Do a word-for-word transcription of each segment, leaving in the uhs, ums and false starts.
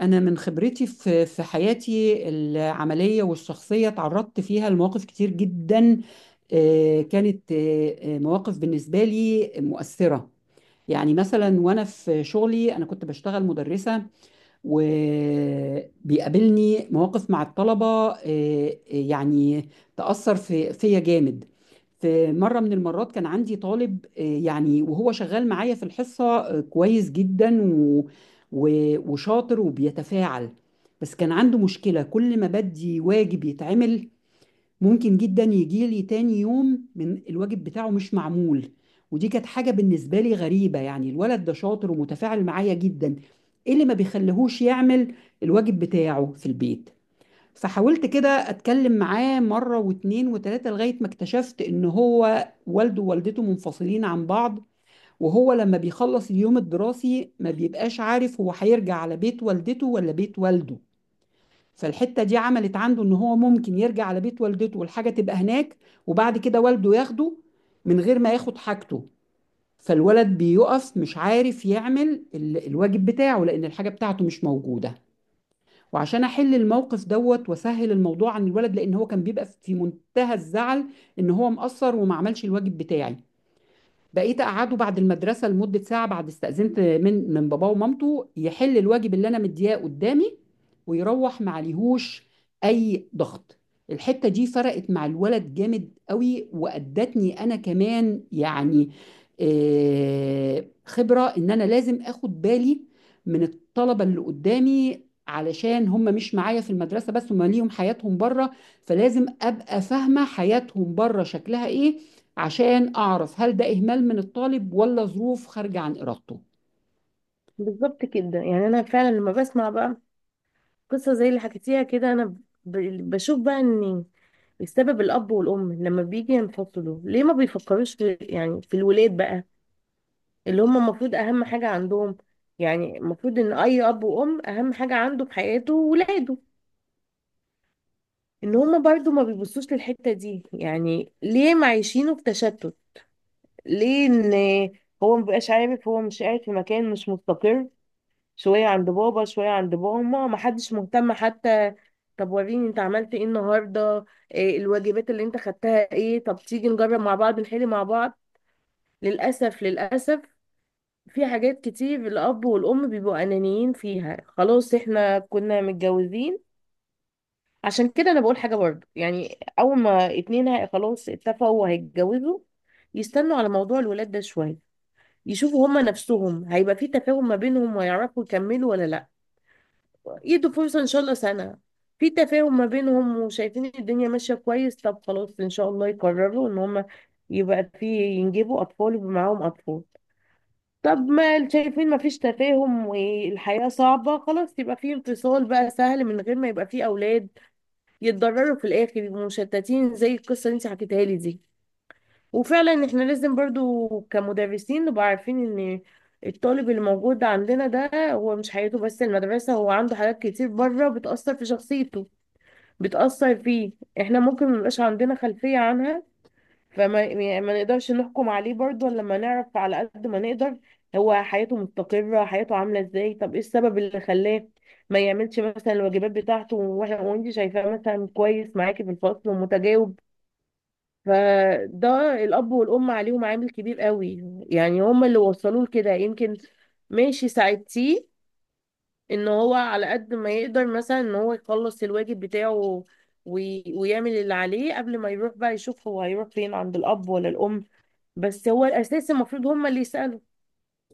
أنا من خبرتي في في حياتي العملية والشخصية تعرضت فيها لمواقف كتير جدا. آه، كانت آه، آه، مواقف بالنسبة لي مؤثرة. يعني مثلا وأنا في شغلي أنا كنت بشتغل مدرسة، وبيقابلني مواقف مع الطلبة آه، آه، يعني تأثر في فيا جامد. في مرة من المرات كان عندي طالب، آه، يعني وهو شغال معايا في الحصة آه، كويس جدا، و... و... وشاطر وبيتفاعل. بس كان عنده مشكلة، كل ما بدي واجب يتعمل ممكن جدا يجي لي تاني يوم من الواجب بتاعه مش معمول. ودي كانت حاجة بالنسبة لي غريبة، يعني الولد ده شاطر ومتفاعل معايا جدا، ايه اللي ما بيخليهوش يعمل الواجب بتاعه في البيت؟ فحاولت كده اتكلم معاه مرة واتنين وتلاتة لغاية ما اكتشفت ان هو والده ووالدته منفصلين عن بعض. وهو لما بيخلص اليوم الدراسي ما بيبقاش عارف هو هيرجع على بيت والدته ولا بيت والده. فالحتة دي عملت عنده ان هو ممكن يرجع على بيت والدته والحاجة تبقى هناك، وبعد كده والده ياخده من غير ما ياخد حاجته. فالولد بيقف مش عارف يعمل ال- الواجب بتاعه لان الحاجة بتاعته مش موجودة. وعشان احل الموقف دوت واسهل الموضوع عن الولد، لان هو كان بيبقى في منتهى الزعل ان هو مقصر وما عملش الواجب بتاعي، بقيت اقعده بعد المدرسه لمده ساعه، بعد استاذنت من من باباه ومامته، يحل الواجب اللي انا مدياه قدامي، ويروح ما عليهوش اي ضغط. الحته دي فرقت مع الولد جامد قوي، وادتني انا كمان يعني آه، خبره ان انا لازم اخد بالي من الطلبه اللي قدامي، علشان هم مش معايا في المدرسه بس، هم ليهم حياتهم بره، فلازم ابقى فاهمه حياتهم بره شكلها ايه، عشان اعرف هل ده اهمال من الطالب ولا ظروف خارجه عن ارادته. بالظبط كده، يعني انا فعلا لما بسمع بقى قصه زي اللي حكيتيها كده، انا ب- بشوف بقى ان السبب الاب والام لما بيجي ينفصلوا ليه ما بيفكروش في، يعني في الولاد بقى اللي هم المفروض اهم حاجه عندهم. يعني المفروض ان اي اب وام اهم حاجه عنده في حياته ولاده، ان هم برضو ما بيبصوش للحته دي. يعني ليه معيشينه في تشتت؟ ليه ان هو مبقاش عارف، هو مش قاعد في مكان مش مستقر، شوية عند بابا شوية عند ماما، محدش مهتم حتى. طب وريني انت عملت ايه النهاردة؟ إيه الواجبات اللي انت خدتها؟ ايه، طب تيجي نجرب مع بعض، نحل مع بعض. للأسف للأسف، في حاجات كتير الأب والأم بيبقوا أنانيين فيها. خلاص احنا كنا متجوزين. عشان كده أنا بقول حاجة برضه، يعني أول ما اتنين هي- خلاص اتفقوا وهيتجوزوا، يستنوا على موضوع الولاد ده شوية، يشوفوا هما نفسهم هيبقى في تفاهم ما بينهم ويعرفوا يكملوا ولا لأ. يدوا فرصة ان شاء الله سنة، في تفاهم ما بينهم وشايفين الدنيا ماشية كويس، طب خلاص ان شاء الله يقرروا ان هم يبقى في، ينجبوا اطفال ويبقى معاهم اطفال. طب ما شايفين ما فيش تفاهم والحياة صعبة، خلاص يبقى في انفصال بقى، سهل، من غير ما يبقى في اولاد يتضرروا في الاخر، يبقوا مشتتين زي القصة اللي انت حكيتها لي دي. وفعلا احنا لازم برضو كمدرسين نبقى عارفين ان الطالب اللي موجود عندنا ده هو مش حياته بس المدرسة، هو عنده حاجات كتير بره بتأثر في شخصيته، بتأثر فيه. احنا ممكن ميبقاش عندنا خلفية عنها، فما، يعني ما نقدرش نحكم عليه برضو إلا لما نعرف على قد ما نقدر هو حياته مستقرة، حياته عاملة ازاي، طب ايه السبب اللي خلاه ما يعملش مثلا الواجبات بتاعته واحنا وانت شايفاه مثلا كويس معاكي في الفصل ومتجاوب. فده الأب والأم عليهم عامل كبير قوي، يعني هم اللي وصلوه لكده يمكن. ماشي، ساعدتيه إن هو على قد ما يقدر مثلا إن هو يخلص الواجب بتاعه وي... ويعمل اللي عليه قبل ما يروح بقى، يشوف هو هيروح فين، عند الأب ولا الأم. بس هو الأساس المفروض هم اللي يسألوا: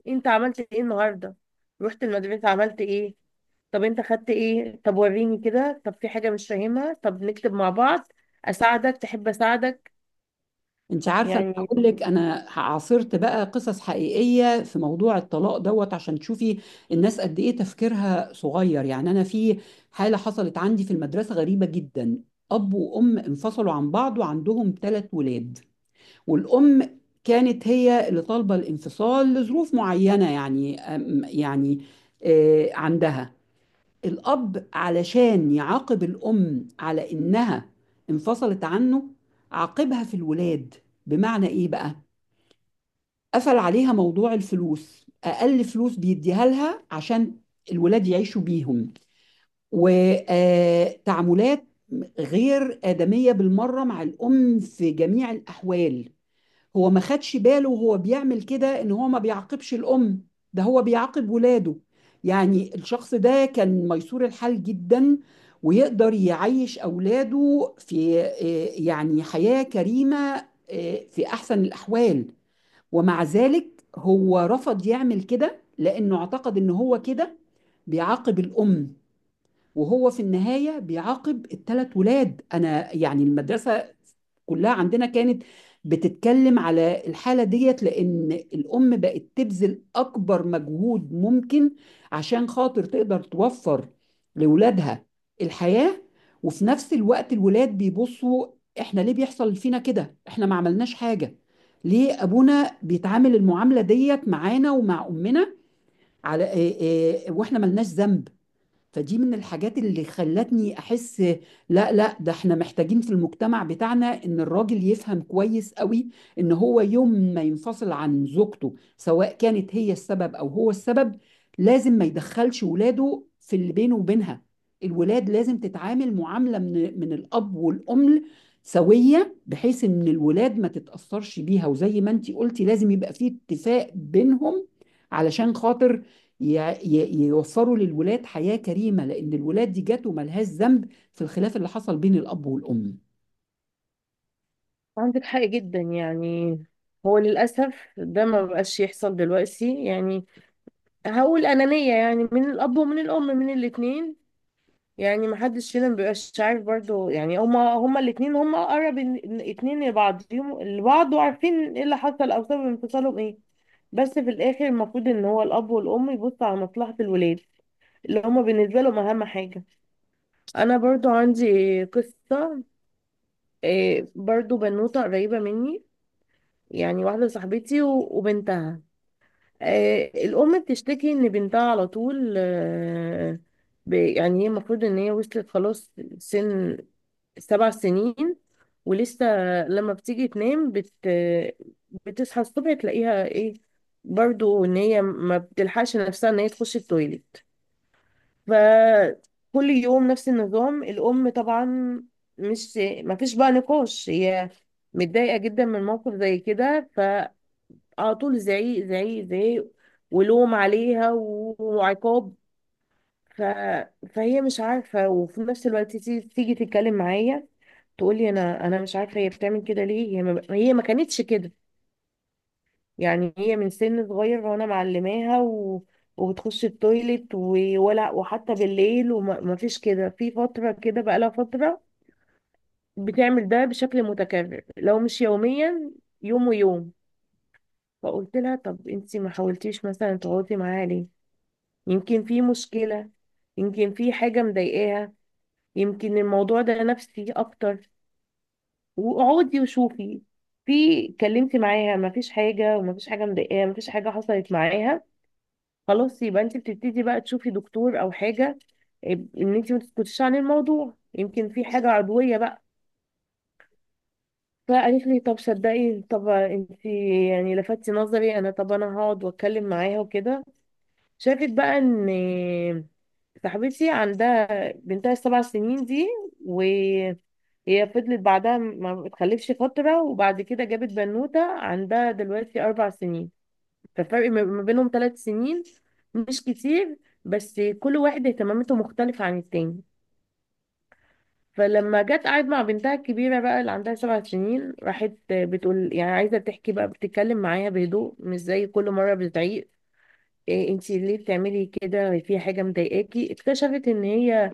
أنت عملت إيه النهاردة؟ رحت المدرسة عملت إيه؟ طب أنت خدت إيه؟ طب وريني كده. طب في حاجة مش فاهمها؟ طب نكتب مع بعض، أساعدك، تحب أساعدك؟ انت عارفه، انا يعني هقول لك انا عاصرت بقى قصص حقيقيه في موضوع الطلاق دوت عشان تشوفي الناس قد ايه تفكيرها صغير. يعني انا في حاله حصلت عندي في المدرسه غريبه جدا. اب وام انفصلوا عن بعض وعندهم ثلاث ولاد، والام كانت هي اللي طالبه الانفصال لظروف معينه، يعني أم- يعني آه، عندها الأب علشان يعاقب الأم على إنها انفصلت عنه عاقبها في الولاد. بمعنى إيه بقى؟ قفل عليها موضوع الفلوس، أقل فلوس بيديها لها عشان الولاد يعيشوا بيهم، وتعاملات غير آدمية بالمرة مع الأم في جميع الأحوال. هو ما خدش باله وهو بيعمل كده ان هو ما بيعاقبش الام، ده هو بيعاقب ولاده. يعني الشخص ده كان ميسور الحال جدا، ويقدر يعيش اولاده في آه، يعني حياة كريمة آه، في احسن الاحوال. ومع ذلك هو رفض يعمل كده لانه اعتقد ان هو كده بيعاقب الام، وهو في النهاية بيعاقب الثلاث ولاد. أنا يعني المدرسة كلها عندنا كانت بتتكلم على الحالة ديت، لأن الأم بقت تبذل أكبر مجهود ممكن عشان خاطر تقدر توفر لولادها الحياة. وفي نفس الوقت الولاد بيبصوا إحنا ليه بيحصل فينا كده؟ إحنا ما عملناش حاجة، ليه أبونا بيتعامل المعاملة ديت معانا ومع أمنا على إيه إيه وإحنا ملناش ذنب؟ فدي من الحاجات اللي خلتني احس لا لا، ده احنا محتاجين في المجتمع بتاعنا ان الراجل يفهم كويس قوي ان هو يوم ما ينفصل عن زوجته، سواء كانت هي السبب او هو السبب، لازم ما يدخلش ولاده في اللي بينه وبينها. الولاد لازم تتعامل معاملة من من الاب والام سوية، بحيث ان الولاد ما تتأثرش بيها. وزي ما انتي قلتي لازم يبقى فيه اتفاق بينهم علشان خاطر ي- ي- يوفروا للولاد حياة كريمة، لأن الولاد دي جات وملهاش ذنب في الخلاف اللي حصل بين الأب والأم. عندك حق جدا. يعني هو للأسف ده ما بقاش يحصل دلوقتي. يعني هقول أنانية، يعني من الأب ومن الأم، من الاتنين. يعني ما حدش فينا ما بيبقاش عارف برضو، يعني هما هما الاتنين هما أقرب إن- إن- اتنين لبعضهم لبعض، وعارفين ايه اللي حصل أو سبب انفصالهم ايه. بس في الآخر المفروض إن هو الأب والأم يبصوا على مصلحة الولاد اللي هما بالنسبة لهم أهم حاجة. أنا برضو عندي قصة، إيه، برضو بنوتة قريبة مني، يعني واحدة صاحبتي و- وبنتها. آه، الأم بتشتكي إن بنتها على طول، آه، ب-، يعني هي المفروض إن هي وصلت خلاص سن سبع سنين ولسه لما بتيجي تنام بت بتصحى الصبح تلاقيها إيه؟ برضو إن هي ما بتلحقش نفسها إن هي تخش التويليت. فكل يوم نفس النظام، الأم طبعا مش ما فيش بقى نقاش، هي متضايقة جدا من موقف زي كده. على طول زعيق زعيق زعيق ولوم عليها و- وعقاب. ف... فهي مش عارفة، وفي نفس الوقت تيجي، تيجي تتكلم معايا تقولي: انا انا مش عارفة هي بتعمل كده ليه، هي ما..، هي ما كانتش كده، يعني هي من سن صغير وانا معلماها و... وبتخش التويليت، و... ولا وحتى بالليل، وما ما فيش كده، في فترة كده بقالها فترة بتعمل ده بشكل متكرر، لو مش يوميا يوم ويوم. فقلت لها: طب انتي ما حاولتيش مثلا تقعدي معاها ليه؟ يمكن في مشكلة، يمكن في حاجة مضايقاها، يمكن الموضوع ده نفسي أكتر، واقعدي وشوفي. في، كلمتي معاها، مفيش حاجة ومفيش حاجة مضايقاها، مفيش حاجة حصلت معاها، خلاص يبقى انت بتبتدي بقى تشوفي دكتور أو حاجة، آه، ان انت ما تسكتيش عن الموضوع، يمكن في حاجة عضوية بقى. فقالت لي: طب صدقي، طب انت يعني لفتي نظري، انا طب انا هقعد واتكلم معاها وكده. شافت بقى ان صاحبتي عندها بنتها السبع سنين دي وهي فضلت بعدها ما اتخلفش فترة، وبعد كده جابت بنوتة عندها دلوقتي أربع سنين. ففرق ما ما بينهم ثلاث سنين، مش كتير، بس كل واحد اهتماماته مختلفة عن التاني. فلما جت قعدت مع بنتها الكبيرة بقى اللي عندها سبع سنين، راحت بتقول، يعني عايزة تحكي بقى، بتتكلم معايا بهدوء مش زي كل مرة بتعيق: إيه انتي ليه بتعملي كده، في حاجة مضايقاكي؟ اكتشفت ان هي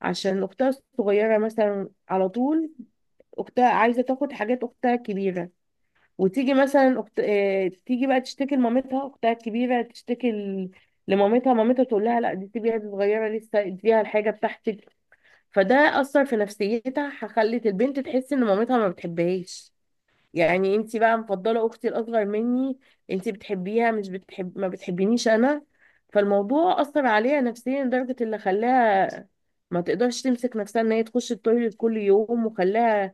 عشان اختها الصغيرة مثلا على طول، اختها عايزة تاخد حاجات اختها الكبيرة، وتيجي مثلا أخت... اه... تيجي بقى تشتكي لمامتها، اختها الكبيرة تشتكي ل... لمامتها، مامتها تقول لها: لا دي سيبيها، دي صغيرة لسه، اديها الحاجة بتاعتك. فده أثر في نفسيتها، خلت البنت تحس ان مامتها ما بتحبهاش، يعني انت بقى مفضله اختي الاصغر مني، انت بتحبيها، مش بتحب، ما بتحبينيش انا. فالموضوع اثر عليها نفسيا لدرجه اللي خلاها ما تقدرش تمسك نفسها ان هي تخش التويليت كل يوم، وخلاها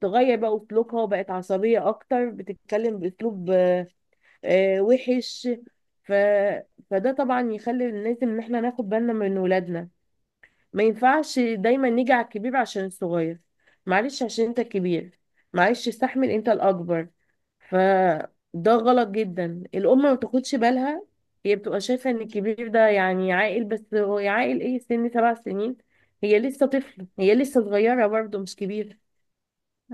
تغير بقى اسلوبها وبقت عصبيه اكتر، بتتكلم باسلوب، آه، آه، وحش. ف... فده طبعا يخلي لازم ان احنا ناخد بالنا من ولادنا. ما ينفعش دايما نيجي على الكبير عشان الصغير، معلش عشان انت الكبير، معلش استحمل انت الاكبر. فده غلط جدا، الام ما بتاخدش بالها، هي بتبقى شايفه ان الكبير ده يعني عاقل، بس هو عاقل ايه، سن سبع سنين، هي لسه طفل، هي لسه صغيره برضه مش كبيره.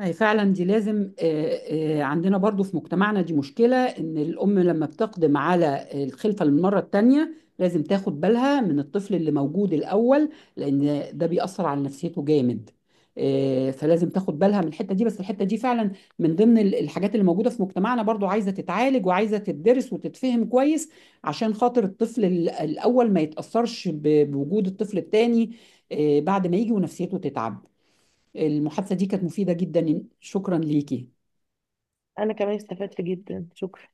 أي فعلا دي لازم آه، آه، عندنا برضو في مجتمعنا دي مشكلة، إن الأم لما بتقدم على الخلفة للمرة التانية لازم تاخد بالها من الطفل اللي موجود الأول، لأن ده بيأثر على نفسيته جامد. آه، فلازم تاخد بالها من الحتة دي. بس الحتة دي فعلا من ضمن ال- الحاجات اللي موجودة في مجتمعنا برضو، عايزة تتعالج وعايزة تدرس وتتفهم كويس عشان خاطر الطفل ال- الأول ما يتأثرش ب- بوجود الطفل التاني آه، بعد ما يجي ونفسيته تتعب. المحادثة دي كانت مفيدة جدا، شكرا ليكي. انا كمان استفدت جدا، شكرا.